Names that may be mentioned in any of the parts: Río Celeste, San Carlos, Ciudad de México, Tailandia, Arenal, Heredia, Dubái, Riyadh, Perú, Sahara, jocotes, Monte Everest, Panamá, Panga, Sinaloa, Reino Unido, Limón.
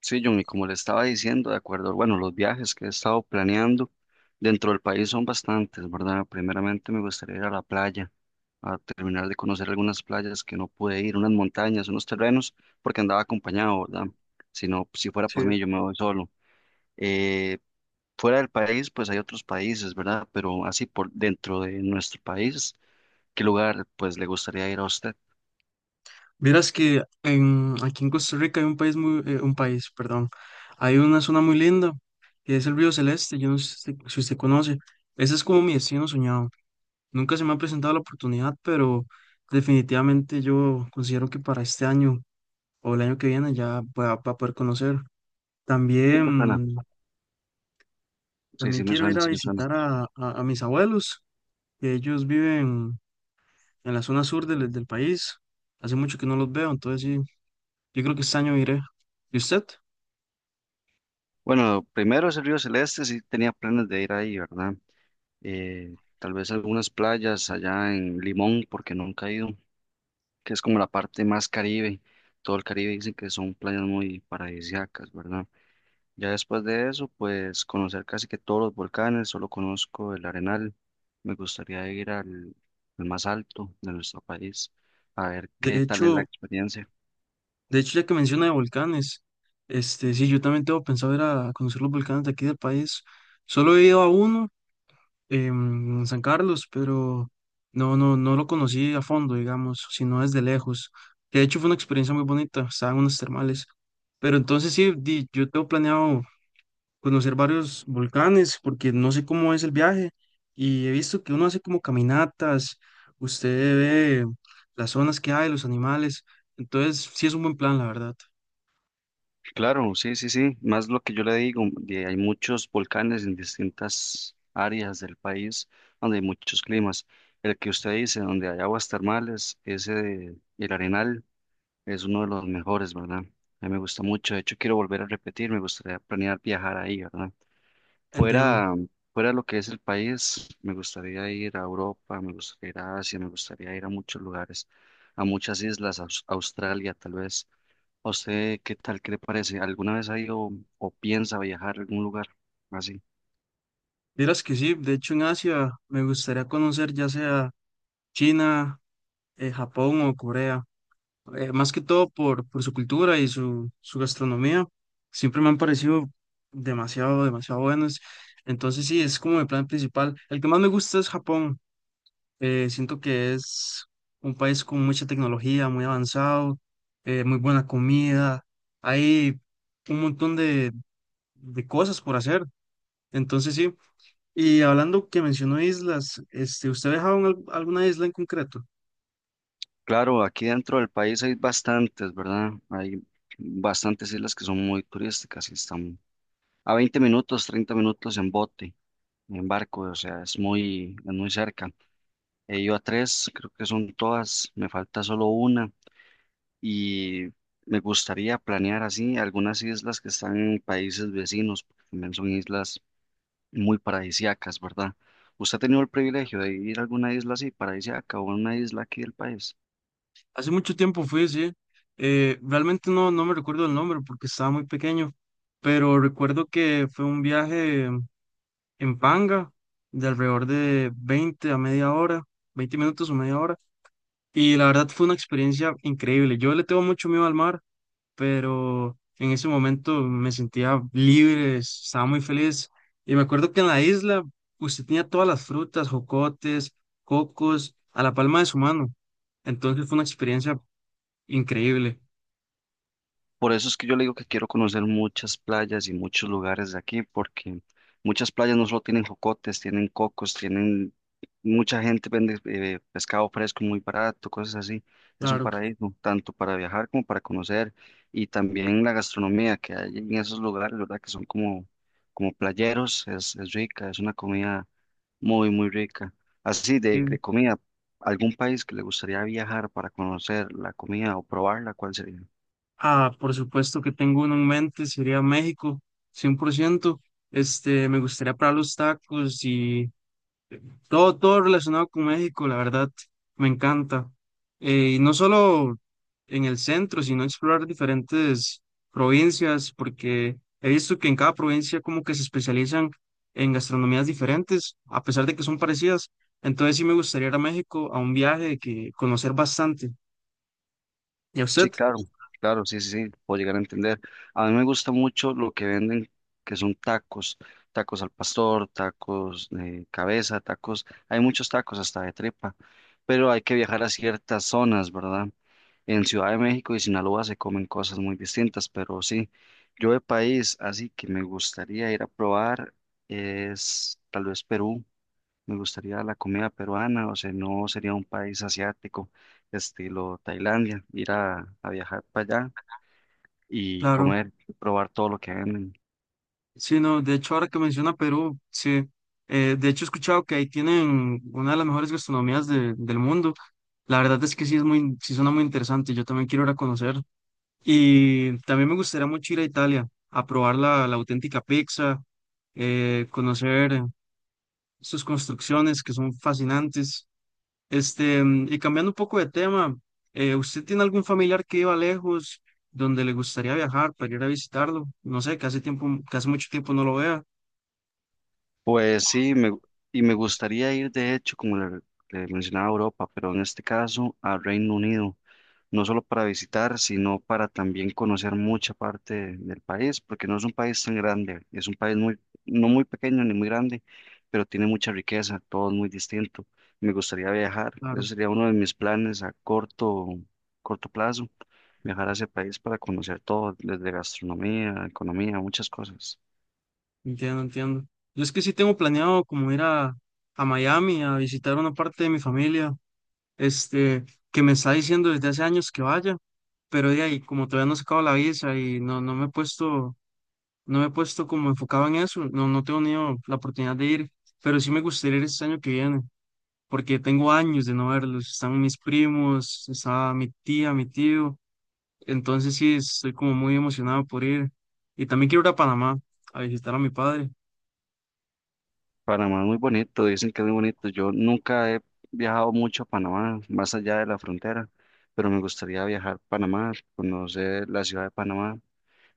Sí, John, y como le estaba diciendo, de acuerdo, bueno, los viajes que he estado planeando dentro del país son bastantes, ¿verdad? Primeramente me gustaría ir a la playa, a terminar de conocer algunas playas que no pude ir, unas montañas, unos terrenos, porque andaba acompañado, ¿verdad? Si no, si fuera por Sí. mí, yo me voy solo. Eh, Fuera del país, pues hay otros países, ¿verdad? Pero así por dentro de nuestro país, ¿qué lugar, pues, le gustaría ir a usted? Vieras que aquí en Costa Rica hay un país muy, un país, perdón, hay una zona muy linda que es el Río Celeste. Yo no sé si usted conoce, ese es como mi destino soñado. Nunca se me ha presentado la oportunidad, pero definitivamente yo considero que para este año o el año que viene ya va a poder conocer. Sí me suena, También, sí, también sí me quiero ir suena, a sí me suena. visitar a mis abuelos, que ellos viven en la zona sur del país. Hace mucho que no los veo, entonces sí. Yo creo que este año iré. ¿Y usted? Bueno, primero es el Río Celeste, sí tenía planes de ir ahí, ¿verdad? Tal vez algunas playas allá en Limón, porque nunca he ido, que es como la parte más Caribe. Todo el Caribe dicen que son playas muy paradisíacas, ¿verdad? Ya después de eso, pues conocer casi que todos los volcanes, solo conozco el Arenal. Me gustaría ir al más alto de nuestro país, a ver qué De tal es la hecho, experiencia. de hecho, ya que menciona de volcanes, sí, yo también tengo pensado ir a conocer los volcanes de aquí del país. Solo he ido a uno, en San Carlos, pero no, no, no lo conocí a fondo, digamos, sino desde lejos. Que de hecho fue una experiencia muy bonita, estaban unas termales. Pero entonces sí, yo tengo planeado conocer varios volcanes, porque no sé cómo es el viaje y he visto que uno hace como caminatas, usted ve las zonas que hay, los animales, entonces sí es un buen plan, la verdad, Claro, sí, sí, sí, más lo que yo le digo, hay muchos volcanes en distintas áreas del país donde hay muchos climas. El que usted dice, donde hay aguas termales, ese de El Arenal es uno de los mejores, ¿verdad? A mí me gusta mucho, de hecho quiero volver a repetir, me gustaría planear viajar ahí, ¿verdad? entiendo. Fuera, fuera de lo que es el país, me gustaría ir a Europa, me gustaría ir a Asia, me gustaría ir a muchos lugares, a muchas islas, a Australia tal vez. ¿A usted qué tal? ¿Qué le parece? ¿Alguna vez ha ido o piensa viajar a algún lugar así? Dirás que sí, de hecho en Asia me gustaría conocer ya sea China, Japón o Corea, más que todo por su cultura y su gastronomía, siempre me han parecido demasiado, demasiado buenos. Entonces sí, es como el plan principal. El que más me gusta es Japón. Siento que es un país con mucha tecnología, muy avanzado, muy buena comida. Hay un montón de cosas por hacer. Entonces sí. Y hablando que mencionó islas, ¿usted ha viajado en alguna isla en concreto? Claro, aquí dentro del país hay bastantes, ¿verdad? Hay bastantes islas que son muy turísticas y están a 20 minutos, 30 minutos en bote, en barco, o sea, es muy cerca. He ido a tres, creo que son todas, me falta solo una y me gustaría planear así algunas islas que están en países vecinos, porque también son islas muy paradisíacas, ¿verdad? ¿Usted ha tenido el privilegio de ir a alguna isla así, paradisíaca o a una isla aquí del país? Hace mucho tiempo fui, sí. Realmente no, no me recuerdo el nombre porque estaba muy pequeño, pero recuerdo que fue un viaje en Panga de alrededor de 20 a media hora, 20 minutos o media hora. Y la verdad fue una experiencia increíble. Yo le tengo mucho miedo al mar, pero en ese momento me sentía libre, estaba muy feliz. Y me acuerdo que en la isla usted tenía todas las frutas, jocotes, cocos, a la palma de su mano. Entonces fue una experiencia increíble. Por eso es que yo le digo que quiero conocer muchas playas y muchos lugares de aquí, porque muchas playas no solo tienen jocotes, tienen cocos, tienen mucha gente vende pescado fresco muy barato, cosas así. Es un Claro que paraíso, tanto para viajar como para conocer, y también la gastronomía que hay en esos lugares, ¿verdad? Que son como, como playeros, es rica, es una comida muy, muy rica. Así sí. de comida, ¿algún país que le gustaría viajar para conocer la comida o probarla? ¿Cuál sería? Ah, por supuesto que tengo uno en mente, sería México, 100%. Me gustaría probar los tacos y todo, todo relacionado con México, la verdad, me encanta. Y no solo en el centro, sino explorar diferentes provincias, porque he visto que en cada provincia como que se especializan en gastronomías diferentes, a pesar de que son parecidas. Entonces sí me gustaría ir a México a un viaje que conocer bastante. ¿Y a usted? Sí, claro, claro, sí, sí, sí, puedo llegar a entender. A mí me gusta mucho lo que venden, que son tacos, tacos al pastor, tacos de cabeza, tacos, hay muchos tacos hasta de tripa, pero hay que viajar a ciertas zonas, ¿verdad? En Ciudad de México y Sinaloa se comen cosas muy distintas, pero sí, yo de país, así que me gustaría ir a probar es tal vez Perú, me gustaría la comida peruana, o sea, no sería un país asiático, estilo Tailandia, ir a viajar para allá y Claro. comer, probar todo lo que venden. Sí, no, de hecho, ahora que menciona Perú, sí, de hecho he escuchado que ahí tienen una de las mejores gastronomías del mundo. La verdad es que sí es muy, sí suena muy interesante, yo también quiero ir a conocer. Y también me gustaría mucho ir a Italia, a probar la auténtica pizza, conocer sus construcciones que son fascinantes. Y cambiando un poco de tema, ¿usted tiene algún familiar que iba lejos, donde le gustaría viajar para ir a visitarlo? No sé, que hace mucho tiempo no lo vea. Pues sí, y me gustaría ir, de hecho, como le mencionaba a Europa, pero en este caso a Reino Unido. No solo para visitar, sino para también conocer mucha parte del país, porque no es un país tan grande, es un país muy, no muy pequeño ni muy grande, pero tiene mucha riqueza, todo es muy distinto. Me gustaría viajar, eso sería uno de mis planes a corto plazo, viajar a ese país para conocer todo, desde gastronomía, economía, muchas cosas. Entiendo, entiendo. Yo es que sí tengo planeado como ir a Miami a visitar una parte de mi familia, este, que me está diciendo desde hace años que vaya, pero de ahí, como todavía no he sacado la visa y no, no me he puesto, no me he puesto como enfocado en eso, no, no tengo ni la oportunidad de ir, pero sí me gustaría ir este año que viene, porque tengo años de no verlos, están mis primos, está mi tía, mi tío, entonces sí estoy como muy emocionado por ir, y también quiero ir a Panamá a visitar a mi padre. Panamá es muy bonito, dicen que es muy bonito. Yo nunca he viajado mucho a Panamá, más allá de la frontera, pero me gustaría viajar a Panamá, conocer la ciudad de Panamá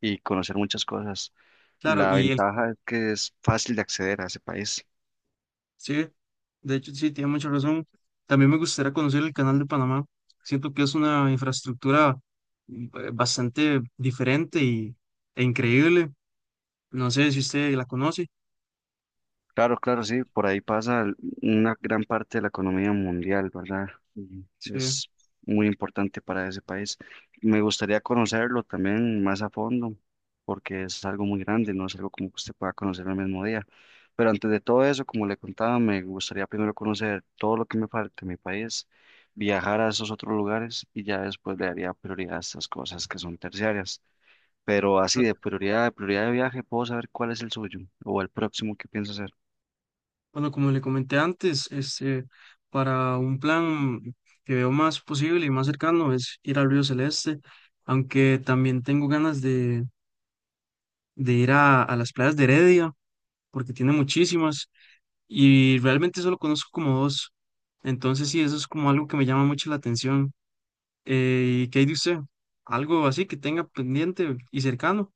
y conocer muchas cosas. Claro, La ventaja es que es fácil de acceder a ese país. sí, de hecho, sí, tiene mucha razón. También me gustaría conocer el Canal de Panamá. Siento que es una infraestructura bastante diferente e increíble. No sé si usted la conoce. Claro, claro, sí, por ahí pasa el- una gran parte de la economía mundial, ¿verdad? Y Sí. es muy importante para ese país. Me gustaría conocerlo también más a fondo, porque es algo muy grande, no es algo como que usted pueda conocer el mismo día. Pero antes de todo eso, como le contaba, me gustaría primero conocer todo lo que me falta en mi país, viajar a esos otros lugares y ya después le daría prioridad a estas cosas que son terciarias. Pero así Ah, de prioridad, de prioridad de viaje, puedo saber cuál es el suyo o el próximo que piensa hacer. bueno, como le comenté antes, para un plan que veo más posible y más cercano es ir al Río Celeste, aunque también tengo ganas de ir a las playas de Heredia, porque tiene muchísimas, y realmente solo conozco como dos. Entonces sí, eso es como algo que me llama mucho la atención. ¿Y qué hay de usted? Algo así que tenga pendiente y cercano.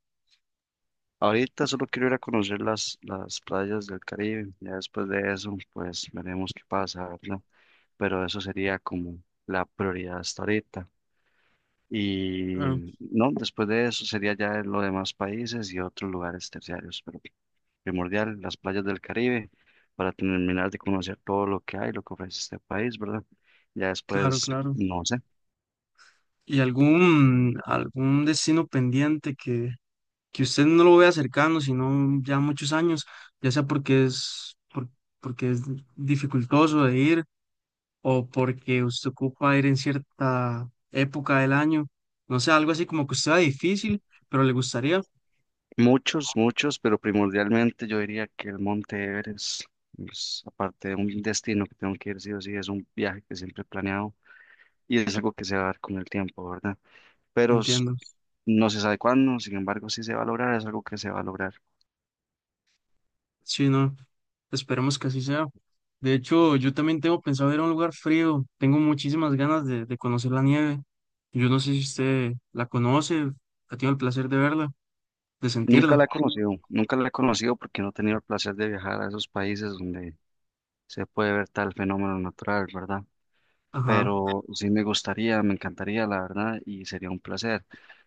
Ahorita solo quiero ir a conocer las playas del Caribe. Ya después de eso, pues veremos qué pasa, ¿verdad? Pero eso sería como la prioridad hasta ahorita. Y Claro, no, después de eso sería ya los demás países y otros lugares terciarios. Pero primordial, las playas del Caribe, para terminar de conocer todo lo que hay, lo que ofrece este país, ¿verdad? Ya claro, después, claro. no sé. ¿Y algún destino pendiente que usted no lo vea cercano, sino ya muchos años, ya sea porque es dificultoso de ir o porque usted ocupa ir en cierta época del año? No sé, algo así como que usted sea difícil, pero le gustaría. Muchos, muchos, pero primordialmente yo diría que el Monte Everest es, aparte de un destino que tengo que ir sí o sí, es un viaje que siempre he planeado y es algo que se va a dar con el tiempo, ¿verdad? Pero s- Entiendo. no se sabe cuándo, sin embargo, sí se va a lograr, es algo que se va a lograr. Sí, no, esperemos que así sea. De hecho, yo también tengo pensado ir a un lugar frío. Tengo muchísimas ganas de conocer la nieve. Yo no sé si usted la conoce, ha tenido el placer de verla, de Nunca sentirla. la he conocido, nunca la he conocido porque no he tenido el placer de viajar a esos países donde se puede ver tal fenómeno natural, ¿verdad? Ajá, Pero sí me gustaría, me encantaría, la verdad, y sería un placer.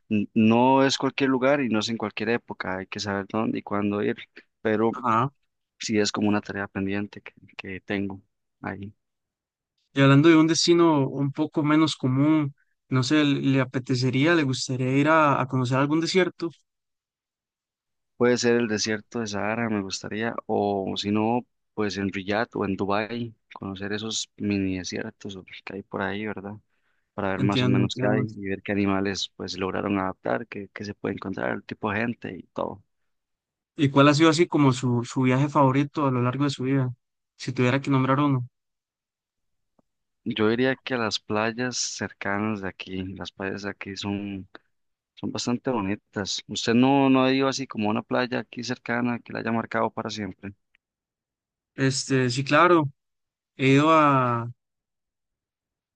No es cualquier lugar y no es en cualquier época, hay que saber dónde y cuándo ir, pero ajá. sí es como una tarea pendiente que tengo ahí. Y hablando de un destino un poco menos común, no sé, ¿le apetecería, le gustaría ir a conocer algún desierto? Puede ser el desierto de Sahara, me gustaría, o si no, pues en Riyadh o en Dubái, conocer esos mini desiertos o que hay por ahí, ¿verdad? Para ver más o Entiendo, menos qué hay entiendo. y ver qué animales pues lograron adaptar, qué se puede encontrar, el tipo de gente y todo. ¿Y cuál ha sido así como su viaje favorito a lo largo de su vida? Si tuviera que nombrar uno. Yo diría que las playas cercanas de aquí, las playas de aquí son, son bastante bonitas. Usted no, no ha ido así como a una playa aquí cercana que la haya marcado para siempre. Sí, claro, he ido a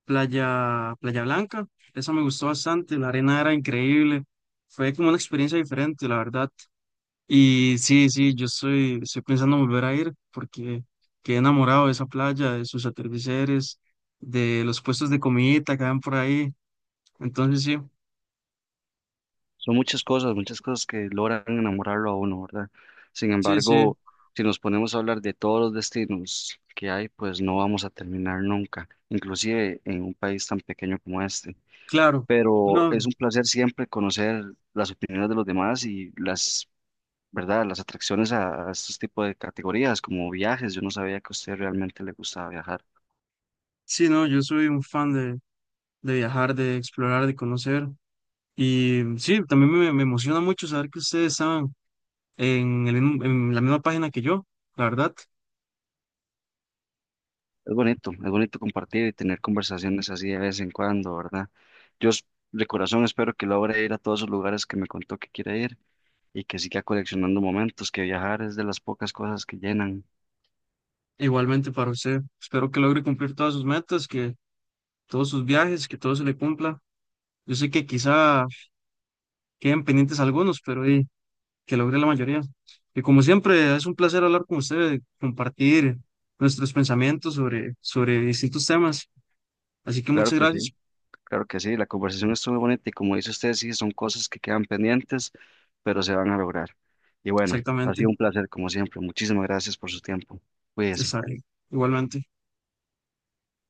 Playa Blanca, esa me gustó bastante, la arena era increíble, fue como una experiencia diferente, la verdad. Y sí, sí, yo estoy pensando en volver a ir porque quedé enamorado de esa playa, de sus atardeceres, de los puestos de comidita que van por ahí. Entonces sí, Son muchas cosas que logran enamorarlo a uno, ¿verdad? Sin sí, sí, embargo, si nos ponemos a hablar de todos los destinos que hay, pues no vamos a terminar nunca, inclusive en un país tan pequeño como este. claro. Pero es No, un placer siempre conocer las opiniones de los demás y las ¿verdad? Las atracciones a estos tipos de categorías, como viajes. Yo no sabía que a usted realmente le gustaba viajar. sí, no, yo soy un fan de viajar, de explorar, de conocer. Y sí, también me emociona mucho saber que ustedes estaban en la misma página que yo, la verdad. Es bonito compartir y tener conversaciones así de vez en cuando, ¿verdad? Yo s- de corazón espero que logre ir a todos esos lugares que me contó que quiere ir y que siga coleccionando momentos, que viajar es de las pocas cosas que llenan. Igualmente para usted. Espero que logre cumplir todas sus metas, que todos sus viajes, que todo se le cumpla. Yo sé que quizá queden pendientes algunos, pero que logre la mayoría. Y como siempre, es un placer hablar con usted, compartir nuestros pensamientos sobre distintos temas. Así que Claro muchas que sí, gracias. claro que sí, la conversación estuvo bonita y como dice usted, sí, son cosas que quedan pendientes, pero se van a lograr. Y bueno, ha sido Exactamente. un placer como siempre. Muchísimas gracias por su tiempo. Cuídese. Está bien. Igualmente.